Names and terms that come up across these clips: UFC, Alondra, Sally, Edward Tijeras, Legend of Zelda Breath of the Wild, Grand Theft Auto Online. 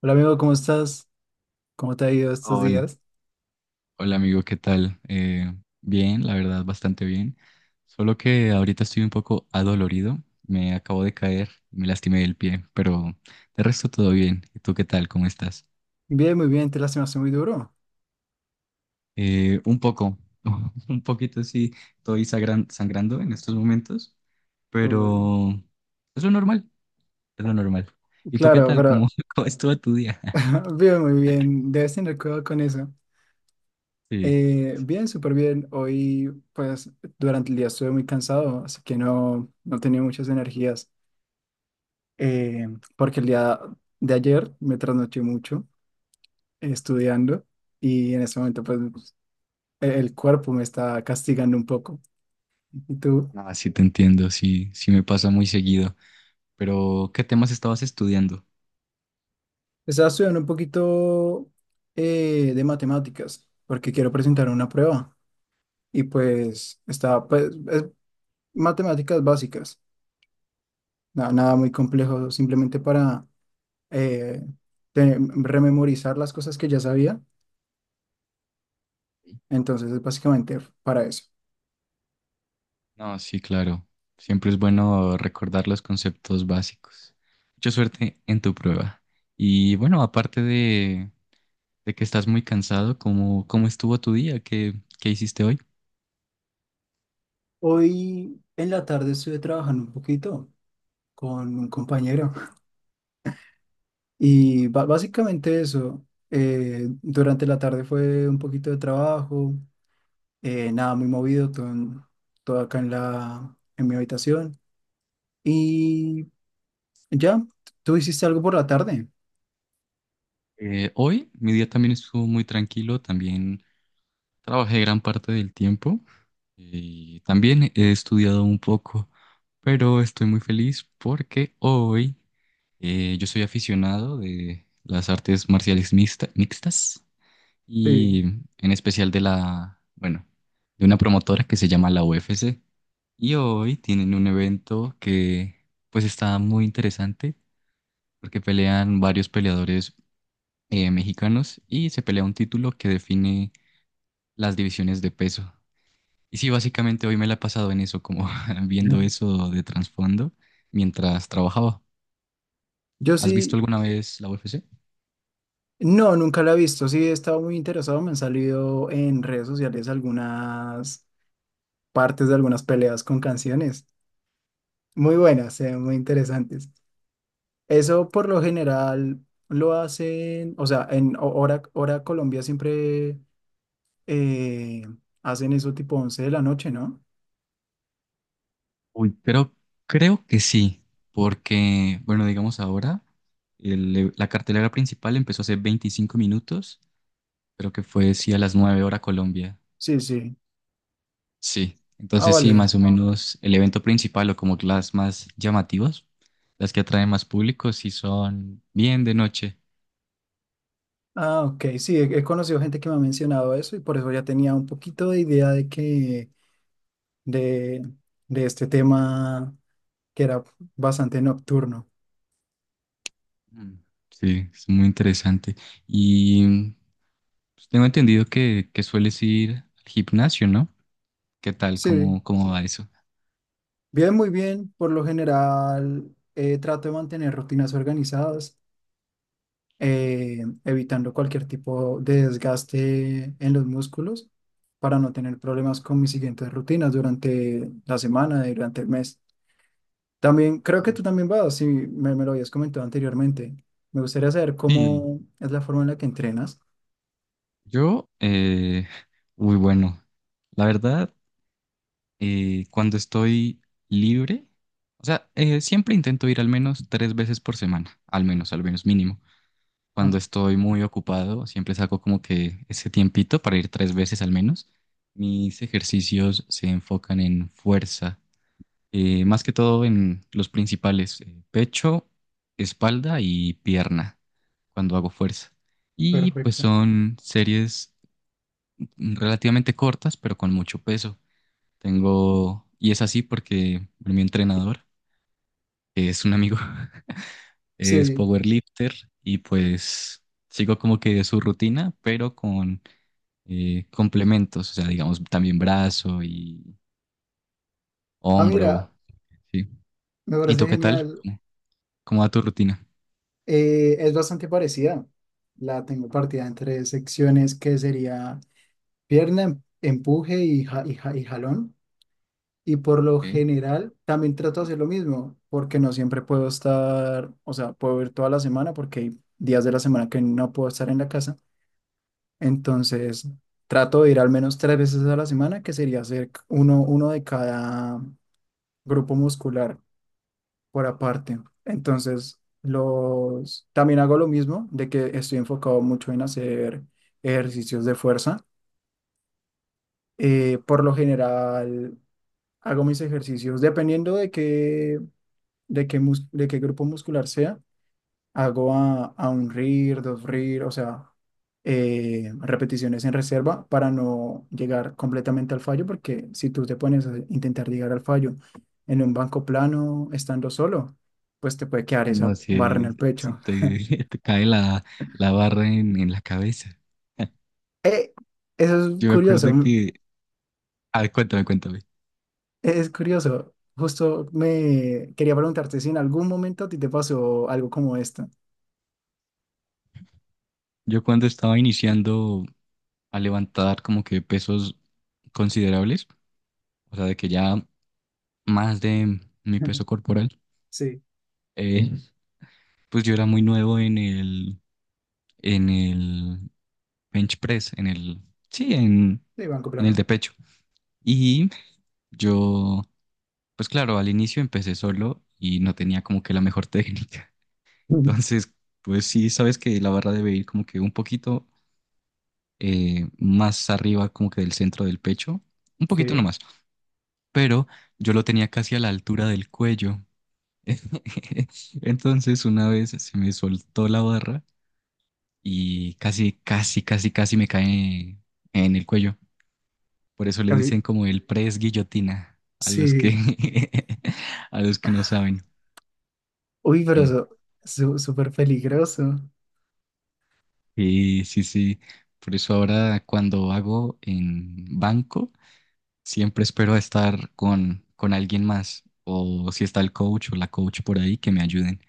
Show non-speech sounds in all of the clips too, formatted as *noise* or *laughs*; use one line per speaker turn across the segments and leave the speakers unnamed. Hola amigo, ¿cómo estás? ¿Cómo te ha ido estos
Hol-
días?
Hola, amigo, ¿qué tal? Bien, la verdad, bastante bien. Solo que ahorita estoy un poco adolorido. Me acabo de caer, me lastimé el pie, pero de resto todo bien. ¿Y tú qué tal? ¿Cómo estás?
Bien, muy bien, te lastimaste muy duro.
Un poco, *laughs* un poquito sí, estoy sangrando en estos momentos,
Uh,
pero es lo normal, es lo normal. ¿Y tú qué
claro,
tal? ¿Cómo,
pero
*laughs* cómo estuvo tu día? *laughs*
*laughs* bien, muy bien, debes tener cuidado con eso.
Sí,
Bien, súper bien. Hoy, pues, durante el día estuve muy cansado, así que no, no tenía muchas energías, eh, porque el día de ayer me trasnoché mucho, estudiando, y en ese momento, pues, el cuerpo me está castigando un poco. ¿Y tú?
no, sí te entiendo, sí, sí me pasa muy seguido. Pero, ¿qué temas estabas estudiando?
Estaba estudiando un poquito, de matemáticas porque quiero presentar una prueba, y pues estaba, pues, es matemáticas básicas, nada muy complejo, simplemente para eh, rememorizar las cosas que ya sabía, entonces es básicamente para eso.
No, sí, claro. Siempre es bueno recordar los conceptos básicos. Mucha suerte en tu prueba. Y bueno, aparte de que estás muy cansado, ¿cómo estuvo tu día? ¿Qué hiciste hoy?
Hoy en la tarde estuve trabajando un poquito con un compañero, y básicamente eso. Durante la tarde fue un poquito de trabajo. Nada, muy movido, todo, todo acá en mi habitación. Y ya, ¿tú hiciste algo por la tarde?
Hoy mi día también estuvo muy tranquilo, también trabajé gran parte del tiempo y también he estudiado un poco, pero estoy muy feliz porque hoy yo soy aficionado de las artes marciales mixtas. Y
Sí.
en especial de la, bueno, de una promotora que se llama la UFC. Y hoy tienen un evento que pues está muy interesante porque pelean varios peleadores mexicanos y se pelea un título que define las divisiones de peso. Y sí, básicamente hoy me la he pasado en eso, como *laughs* viendo
Mm.
eso de trasfondo mientras trabajaba.
Yo
¿Has visto
sí,
alguna vez la UFC?
no, nunca la he visto, sí he estado muy interesado, me han salido en redes sociales algunas partes de algunas peleas con canciones, muy buenas, muy interesantes. Eso por lo general lo hacen, o sea, en hora Colombia, siempre eh, hacen eso tipo 11 de la noche, ¿no?
Uy, creo, creo que sí, porque, bueno, digamos ahora, la cartelera principal empezó hace 25 minutos, creo que fue, sí, a las 9 horas Colombia.
Sí, sí.
Sí,
Ah,
entonces sí,
vale.
más o menos el evento principal o como que las más llamativas, las que atraen más público, sí son bien de noche.
Ah, ok, sí, he conocido gente que me ha mencionado eso, y por eso ya tenía un poquito de idea de, de este tema, que era bastante nocturno.
Mm, sí, es muy interesante. Y pues, tengo entendido que sueles ir al gimnasio, ¿no? ¿Qué tal?
Sí,
¿Cómo va, sí, eso?
bien, muy bien. Por lo general, trato de mantener rutinas organizadas, evitando cualquier tipo de desgaste en los músculos para no tener problemas con mis siguientes rutinas durante la semana y durante el mes. También creo que
Ah,
tú también vas, si me lo habías comentado anteriormente. Me gustaría saber
sí,
cómo es la forma en la que entrenas.
Yo, uy, bueno, la verdad, cuando estoy libre, o sea, siempre intento ir al menos tres veces por semana, al menos mínimo.
Ah,
Cuando estoy muy ocupado, siempre saco como que ese tiempito para ir tres veces al menos. Mis ejercicios se enfocan en fuerza, más que todo en los principales, pecho, espalda y pierna, cuando hago fuerza. Y pues
perfecto.
son series relativamente cortas, pero con mucho peso. Tengo, y es así porque mi entrenador, que es un amigo, *laughs* es
Sí.
powerlifter y pues sigo como que su rutina, pero con complementos, o sea, digamos también brazo y
Ah,
hombro.
mira,
Sí.
me
¿Y tú
parece
qué tal?
genial.
¿Cómo va tu rutina?
Es bastante parecida. La tengo partida en tres secciones que sería pierna, empuje y jalón. Y por lo
Ok.
general también trato de hacer lo mismo, porque no siempre puedo estar, o sea, puedo ir toda la semana porque hay días de la semana que no puedo estar en la casa. Entonces, trato de ir al menos 3 veces a la semana, que sería hacer uno de cada grupo muscular por aparte. Entonces, también hago lo mismo, de que estoy enfocado mucho en hacer ejercicios de fuerza. Por lo general, hago mis ejercicios dependiendo de qué grupo muscular sea. Hago a un RIR, dos RIR, o sea, repeticiones en reserva para no llegar completamente al fallo, porque si tú te pones a intentar llegar al fallo en un banco plano, estando solo, pues te puede quedar
Ah, no,
esa barra en
si,
el
si
pecho.
te, *laughs* te cae la barra en la cabeza.
Eh, eso es
Yo me acuerdo
curioso,
que. Ah, cuéntame, cuéntame.
es curioso. Justo me quería preguntarte si en algún momento a ti te pasó algo como esto. *laughs*
Yo cuando estaba iniciando a levantar como que pesos considerables, o sea, de que ya más de mi
Ujú.
peso corporal,
Sí,
Ujú. Pues yo era muy nuevo en el, en el bench press, sí,
sí, banco
en el
plano.
de pecho. Y yo, pues claro, al inicio empecé solo y no tenía como que la mejor técnica.
*laughs*
*laughs*
Ujú.
Entonces, pues sí, sabes que la barra debe ir como que un poquito más arriba, como que del centro del pecho, un poquito
Sí,
nomás. Pero yo lo tenía casi a la altura del cuello. *laughs* Entonces una vez se me soltó la barra y casi, casi, casi, casi me cae en el cuello. Por eso le
casi.
dicen como el press guillotina a los
Sí.
que, *laughs* a los que no saben.
Uy,
Sí.
pero eso, súper peligroso.
Y sí, sí. Por eso ahora cuando hago en banco, siempre espero a estar con alguien más. O si está el coach o la coach por ahí, que me ayuden.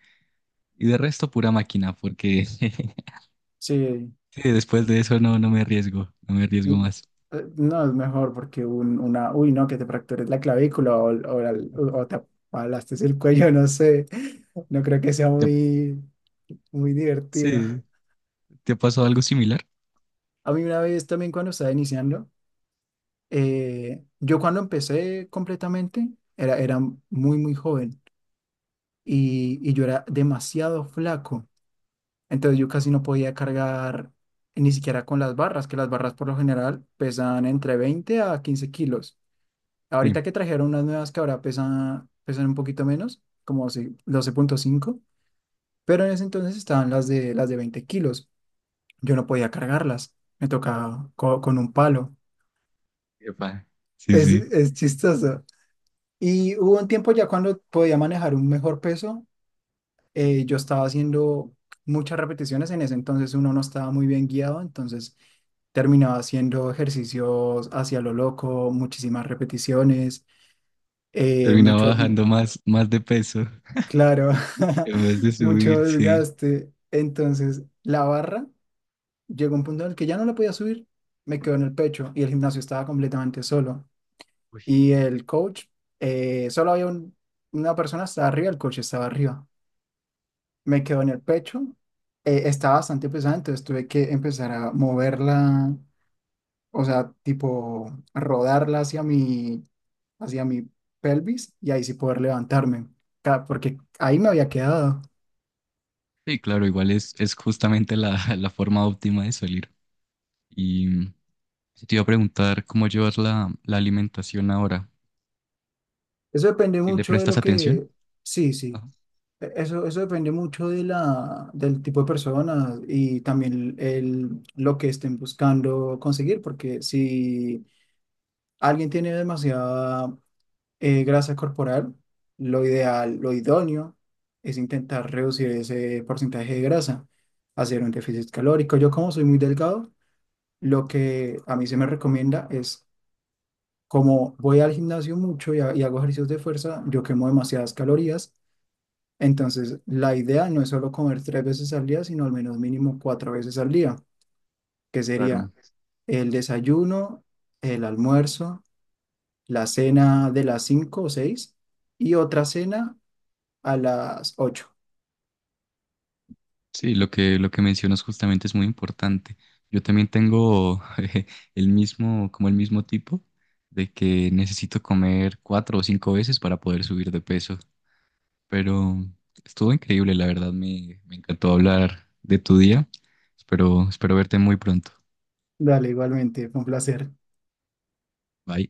Y de resto, pura máquina, porque *laughs*
Sí,
sí, después de eso no, no me arriesgo, no me arriesgo
n-
más.
no es mejor, porque una, uy, no, que te fractures la clavícula, o te aplastes el cuello, *laughs* no sé. No creo que sea
¿Te ha-
muy, muy divertido.
sí, ¿te ha pasado algo similar?
A mí una vez también, cuando estaba iniciando, yo cuando empecé completamente era muy, muy joven, y yo era demasiado flaco. Entonces yo casi no podía cargar ni siquiera con las barras, que las barras por lo general pesan entre 20 a 15 kilos.
Sí.
Ahorita que trajeron unas nuevas que ahora pesan un poquito menos, como 12,5, pero en ese entonces estaban las de 20 kilos. Yo no podía cargarlas, me tocaba con un palo.
Epa. Sí,
Es,
sí.
es chistoso. Y hubo un tiempo ya cuando podía manejar un mejor peso, yo estaba haciendo muchas repeticiones. En ese entonces uno no estaba muy bien guiado, entonces terminaba haciendo ejercicios hacia lo loco, muchísimas repeticiones,
Terminaba
mucho,
bajando más de peso
claro,
en vez de
*laughs* mucho
subir, sí.
desgaste. Entonces, la barra llegó a un punto en el que ya no la podía subir, me quedó en el pecho y el gimnasio estaba completamente solo.
Uy.
Y el coach, solo había una persona, estaba arriba, el coach estaba arriba. Me quedó en el pecho, estaba bastante pesada, entonces tuve que empezar a moverla, o sea, tipo rodarla hacia mi pelvis y ahí sí poder levantarme, porque ahí me había quedado.
Sí, claro, igual es justamente la, *laughs* la forma óptima de salir. Y mm, Te iba a preguntar cómo llevas la alimentación ahora,
Eso depende
si le
mucho de
prestas
lo
atención.
que, sí, sí,
Ajá.
eso depende mucho del tipo de personas y también lo que estén buscando conseguir, porque si alguien tiene demasiada, grasa corporal, lo ideal, lo idóneo es intentar reducir ese porcentaje de grasa, hacer un déficit calórico. Yo como soy muy delgado, lo que a mí se me recomienda es, como voy al gimnasio mucho y hago ejercicios de fuerza, yo quemo demasiadas calorías, entonces la idea no es solo comer 3 veces al día, sino al menos mínimo 4 veces al día, que sería
Claro.
el desayuno, el almuerzo, la cena de las 5 o 6 y otra cena a las 8.
Sí, lo que mencionas justamente es muy importante. Yo también tengo *laughs* el mismo, como el mismo tipo, de que necesito comer cuatro o cinco veces para poder subir de peso. Pero estuvo increíble, la verdad, me encantó hablar de tu día. Espero, espero verte muy pronto.
Dale, igualmente, fue un placer.
Bye.